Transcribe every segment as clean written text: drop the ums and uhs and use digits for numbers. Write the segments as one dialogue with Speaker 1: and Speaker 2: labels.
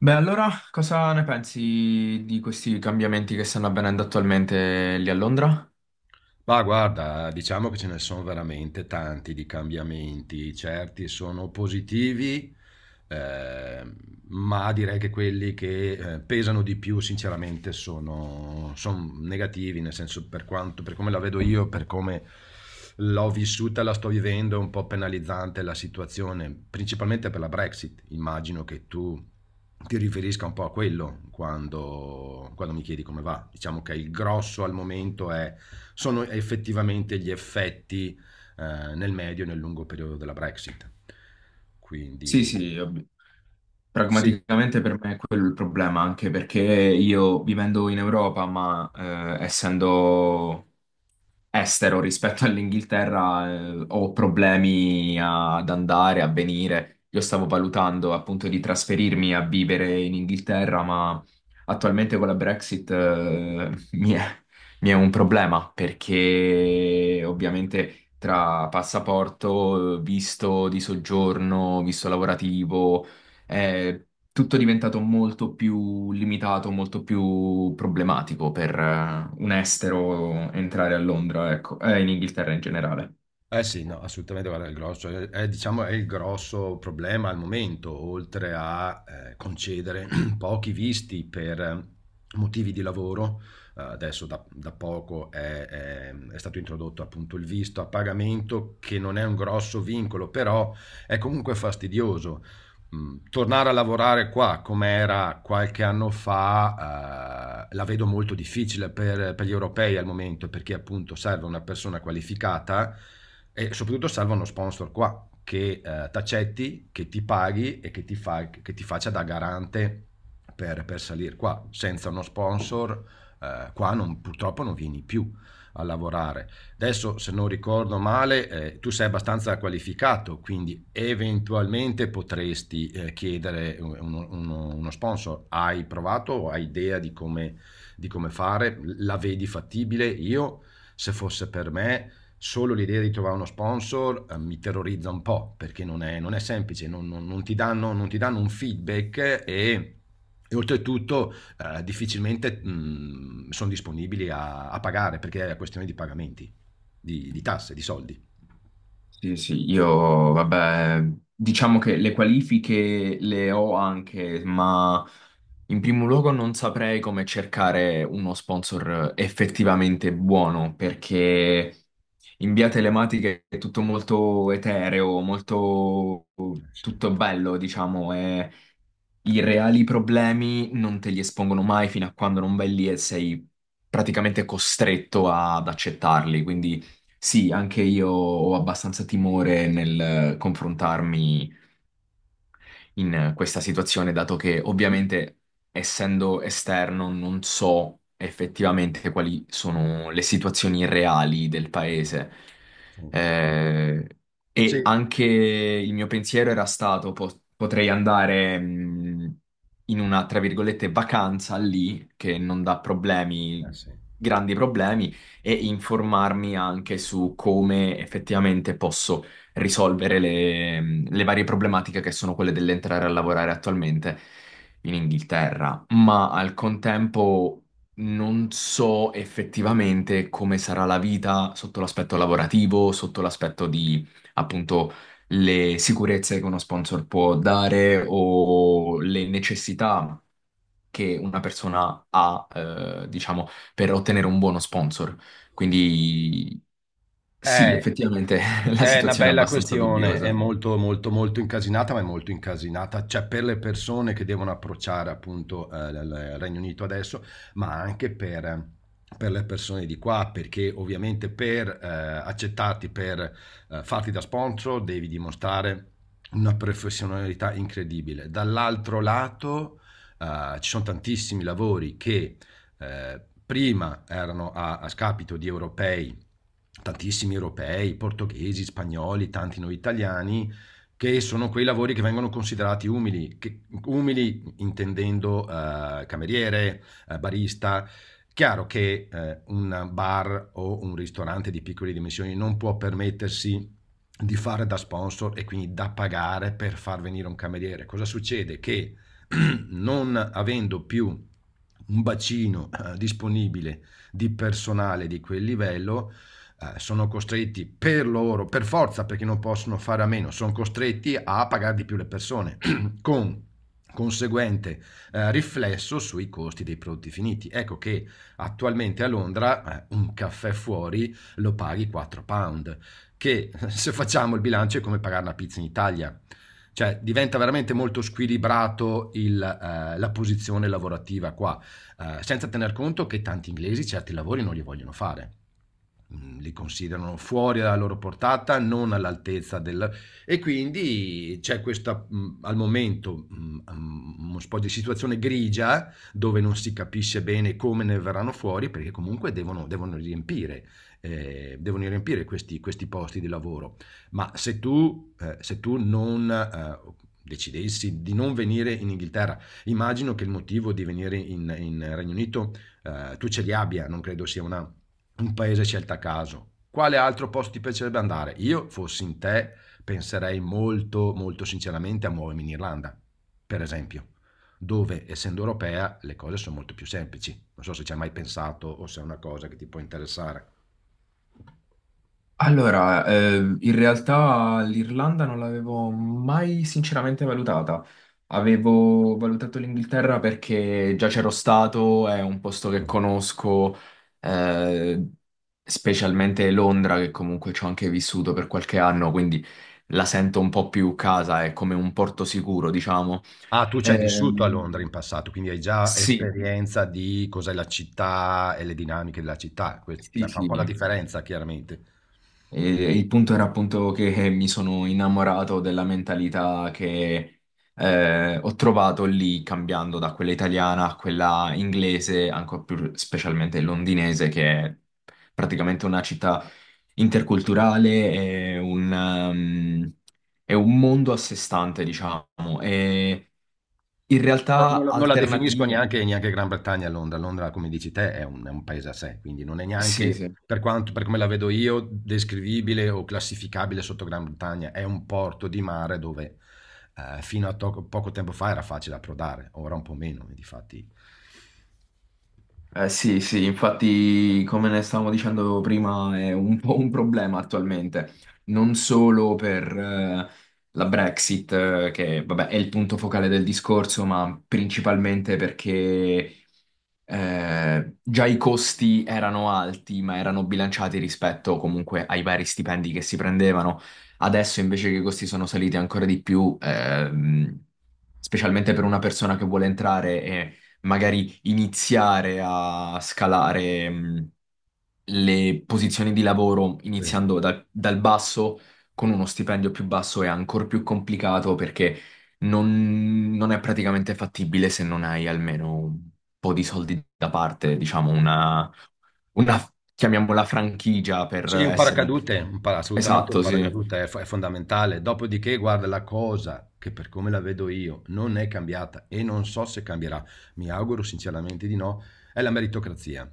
Speaker 1: Beh, allora cosa ne pensi di questi cambiamenti che stanno avvenendo attualmente lì a Londra?
Speaker 2: Ma guarda, diciamo che ce ne sono veramente tanti di cambiamenti, certi sono positivi, ehm, ma direi che quelli che pesano di più sinceramente son negativi, nel senso per quanto, per come la vedo io, per come l'ho vissuta, la sto vivendo, è un po' penalizzante la situazione, principalmente per la Brexit. Immagino che tu ti riferisca un po' a quello quando mi chiedi come va. Diciamo che il grosso al momento è, sono effettivamente gli effetti nel medio e nel lungo periodo della Brexit.
Speaker 1: Sì,
Speaker 2: Quindi
Speaker 1: sì, ovvio.
Speaker 2: sì.
Speaker 1: Pragmaticamente per me è quello il problema, anche perché io vivendo in Europa, ma essendo estero rispetto all'Inghilterra, ho problemi ad andare, a venire. Io stavo valutando appunto di trasferirmi a vivere in Inghilterra, ma attualmente con la Brexit mi è un problema perché ovviamente tra passaporto, visto di soggiorno, visto lavorativo è tutto diventato molto più limitato, molto più problematico per un estero entrare a Londra, ecco, e in Inghilterra in generale.
Speaker 2: Eh sì, no, assolutamente, guarda, il grosso, diciamo, è il grosso problema al momento, oltre a concedere pochi visti per motivi di lavoro, adesso da poco è stato introdotto appunto il visto a pagamento, che non è un grosso vincolo, però è comunque fastidioso. Tornare a lavorare qua com'era qualche anno fa, la vedo molto difficile per gli europei al momento, perché appunto serve una persona qualificata e soprattutto serve uno sponsor qua che, t'accetti, che ti paghi e che ti faccia da garante per salir qua. Senza uno sponsor, qua non purtroppo non vieni più a lavorare. Adesso, se non ricordo male, tu sei abbastanza qualificato, quindi eventualmente potresti chiedere uno sponsor. Hai provato o hai idea di come fare? La vedi fattibile? Io, se fosse per me, solo l'idea di trovare uno sponsor mi terrorizza un po', perché non è semplice, non ti danno, non ti danno un feedback e... e oltretutto difficilmente sono disponibili a pagare perché è una questione di pagamenti di tasse, di soldi. Eh
Speaker 1: Sì, sì, io, vabbè, diciamo che le qualifiche le ho anche, ma in primo luogo non saprei come cercare uno sponsor effettivamente buono, perché in via telematica è tutto molto etereo, molto
Speaker 2: sì,
Speaker 1: tutto bello, diciamo, e i reali problemi non te li espongono mai fino a quando non vai lì e sei praticamente costretto ad accettarli. Quindi sì, anche io ho abbastanza timore nel confrontarmi in questa situazione, dato che ovviamente essendo esterno non so effettivamente quali sono le situazioni reali del paese.
Speaker 2: sì.
Speaker 1: Eh,
Speaker 2: Sì,
Speaker 1: e
Speaker 2: eh
Speaker 1: anche il mio pensiero era stato, potrei andare in una, tra virgolette, vacanza lì, che non dà problemi,
Speaker 2: sì.
Speaker 1: grandi problemi, e informarmi anche su come effettivamente posso risolvere le varie problematiche che sono quelle dell'entrare a lavorare attualmente in Inghilterra, ma al contempo non so effettivamente come sarà la vita sotto l'aspetto lavorativo, sotto l'aspetto di appunto le sicurezze che uno sponsor può dare o le necessità che una persona ha, diciamo, per ottenere un buono sponsor. Quindi sì,
Speaker 2: è,
Speaker 1: effettivamente la
Speaker 2: è una
Speaker 1: situazione è
Speaker 2: bella
Speaker 1: abbastanza
Speaker 2: questione, è
Speaker 1: dubbiosa.
Speaker 2: molto, molto, molto incasinata, ma è molto incasinata, cioè per le persone che devono approcciare appunto il Regno Unito adesso, ma anche per le persone di qua, perché ovviamente per accettarti, per farti da sponsor, devi dimostrare una professionalità incredibile. Dall'altro lato, ci sono tantissimi lavori che prima erano a scapito di europei, tantissimi europei, portoghesi, spagnoli, tanti noi italiani, che sono quei lavori che vengono considerati umili, che- umili intendendo cameriere, barista. Chiaro che un bar o un ristorante di piccole dimensioni non può permettersi di fare da sponsor e quindi da pagare per far venire un cameriere. Cosa succede? Che non avendo più un bacino disponibile di personale di quel livello, sono costretti per loro, per forza, perché non possono fare a meno, sono costretti a pagare di più le persone, con conseguente riflesso sui costi dei prodotti finiti. Ecco che attualmente a Londra un caffè fuori lo paghi 4 pound, che se facciamo il bilancio è come pagare una pizza in Italia, cioè, diventa veramente molto squilibrato la posizione lavorativa qua, senza tener conto che tanti inglesi certi lavori non li vogliono fare. Li considerano fuori dalla loro portata, non all'altezza del, e quindi c'è questa, al momento, uno po' di situazione grigia, dove non si capisce bene come ne verranno fuori, perché comunque devono riempire, devono riempire questi posti di lavoro. Ma se tu se tu non decidessi di non venire in Inghilterra, immagino che il motivo di venire in Regno Unito, tu ce li abbia, non credo sia una, un paese scelto a caso. Quale altro posto ti piacerebbe andare? Io, fossi in te, penserei molto, molto sinceramente a muovermi in Irlanda, per esempio, dove, essendo europea, le cose sono molto più semplici. Non so se ci hai mai pensato o se è una cosa che ti può interessare.
Speaker 1: Allora, in realtà l'Irlanda non l'avevo mai sinceramente valutata. Avevo valutato l'Inghilterra perché già c'ero stato, è un posto che conosco, eh, specialmente Londra, che comunque ci ho anche vissuto per qualche anno, quindi la sento un po' più casa, è come un porto sicuro, diciamo.
Speaker 2: Ah, tu ci hai vissuto a
Speaker 1: Ehm,
Speaker 2: Londra in passato, quindi hai già
Speaker 1: sì,
Speaker 2: esperienza di cos'è la città e le dinamiche della città. Que-
Speaker 1: sì,
Speaker 2: cioè, fa un
Speaker 1: sì.
Speaker 2: po' la differenza, chiaramente.
Speaker 1: E il punto era appunto che mi sono innamorato della mentalità che ho trovato lì, cambiando da quella italiana a quella inglese, ancora più specialmente londinese, che è praticamente una città interculturale, è un, ehm, è un mondo a sé stante, diciamo, e in
Speaker 2: No,
Speaker 1: realtà
Speaker 2: non la definisco
Speaker 1: alternative.
Speaker 2: neanche, neanche Gran Bretagna a Londra. Londra, come dici te, è un paese a sé, quindi non è
Speaker 1: Sì,
Speaker 2: neanche,
Speaker 1: sì.
Speaker 2: per quanto, per come la vedo io, descrivibile o classificabile sotto Gran Bretagna. È un porto di mare dove fino a to- poco tempo fa era facile approdare, ora un po' meno, difatti.
Speaker 1: Eh sì, sì, infatti, come ne stavamo dicendo prima, è un po' un problema attualmente, non solo per la Brexit, che vabbè è il punto focale del discorso, ma principalmente perché già i costi erano alti, ma erano bilanciati rispetto comunque ai vari stipendi che si prendevano. Adesso invece che i costi sono saliti ancora di più, specialmente per una persona che vuole entrare magari iniziare a scalare le posizioni di lavoro iniziando dal basso con uno stipendio più basso è ancora più complicato perché non è praticamente fattibile se non hai almeno un po' di soldi da parte, diciamo una chiamiamola franchigia per
Speaker 2: Sì, un
Speaker 1: essere un...
Speaker 2: paracadute, un para- assolutamente un
Speaker 1: Esatto, sì.
Speaker 2: paracadute è, fo- è fondamentale. Dopodiché, guarda, la cosa che per come la vedo io non è cambiata e non so se cambierà, mi auguro sinceramente di no, è la meritocrazia.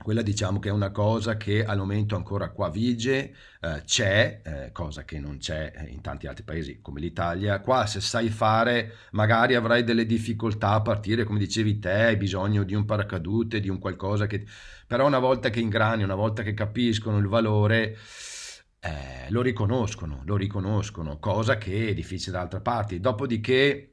Speaker 2: Quella diciamo che è una cosa che al momento ancora qua vige, c'è, cosa che non c'è in tanti altri paesi come l'Italia. Qua se sai fare magari avrai delle difficoltà a partire, come dicevi te, hai bisogno di un paracadute, di un qualcosa che però una volta che ingrani, una volta che capiscono il valore, lo riconoscono, cosa che è difficile da altre parti. Dopodiché,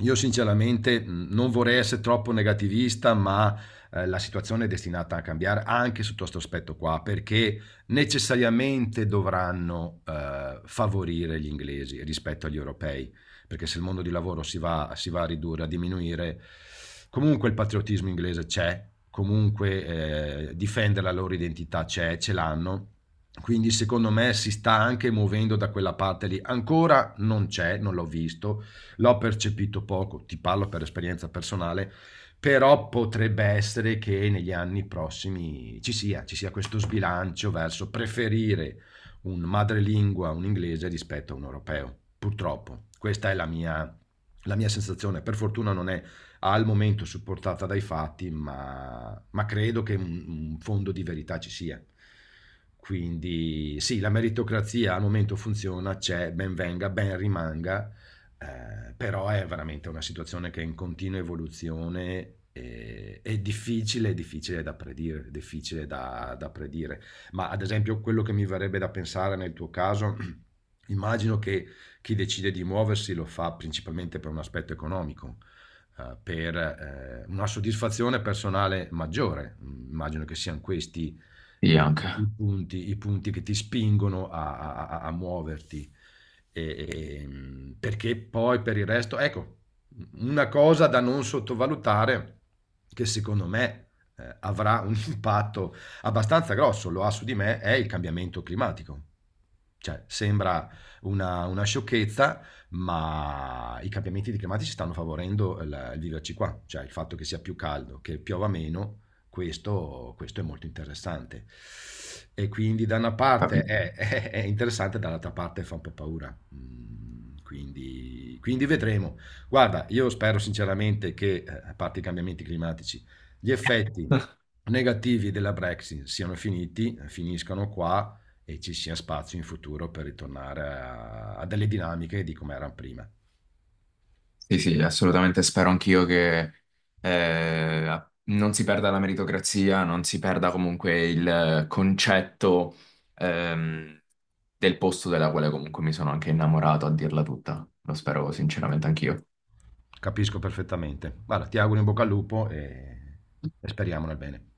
Speaker 2: io sinceramente non vorrei essere troppo negativista, ma la situazione è destinata a cambiare anche sotto questo aspetto qua, perché necessariamente dovranno favorire gli inglesi rispetto agli europei, perché se il mondo di lavoro si va a ridurre, a diminuire, comunque il patriottismo inglese c'è, comunque difendere la loro identità c'è, ce l'hanno. Quindi secondo me si sta anche muovendo da quella parte lì. Ancora non c'è, non l'ho visto, l'ho percepito poco, ti parlo per esperienza personale, però potrebbe essere che negli anni prossimi ci sia questo sbilancio verso preferire un madrelingua, un inglese rispetto a un europeo. Purtroppo, questa è la mia sensazione. Per fortuna non è al momento supportata dai fatti, ma credo che un fondo di verità ci sia. Quindi sì, la meritocrazia al momento funziona, c'è, ben venga, ben rimanga, però è veramente una situazione che è in continua evoluzione e è difficile da predire, da predire. Ma ad esempio quello che mi verrebbe da pensare nel tuo caso, immagino che chi decide di muoversi lo fa principalmente per un aspetto economico, per una soddisfazione personale maggiore. Immagino che siano questi
Speaker 1: Sì,
Speaker 2: i
Speaker 1: anche.
Speaker 2: punti, i punti che ti spingono a muoverti, e perché poi per il resto ecco, u una cosa da non sottovalutare, che secondo me, avrà un impatto abbastanza grosso, lo ha su di me, è il cambiamento climatico. Cioè, sembra una sciocchezza, ma i cambiamenti di climatici stanno favorendo il viverci qua, cioè il fatto che sia più caldo, che piova meno, questo è molto interessante. E quindi da una parte
Speaker 1: Capito.
Speaker 2: è, è interessante, dall'altra parte fa un po' paura. Quindi, quindi vedremo. Guarda, io spero sinceramente che, a parte i cambiamenti climatici, gli effetti negativi della Brexit siano finiti, finiscano qua e ci sia spazio in futuro per ritornare a delle dinamiche di come erano prima.
Speaker 1: Sì, sì, assolutamente spero anch'io che non si perda la meritocrazia, non si perda comunque il concetto ehm, del posto della quale comunque mi sono anche innamorato, a dirla tutta. Lo spero sinceramente anch'io.
Speaker 2: Capisco perfettamente. Guarda, ti auguro in bocca al lupo e speriamo nel bene.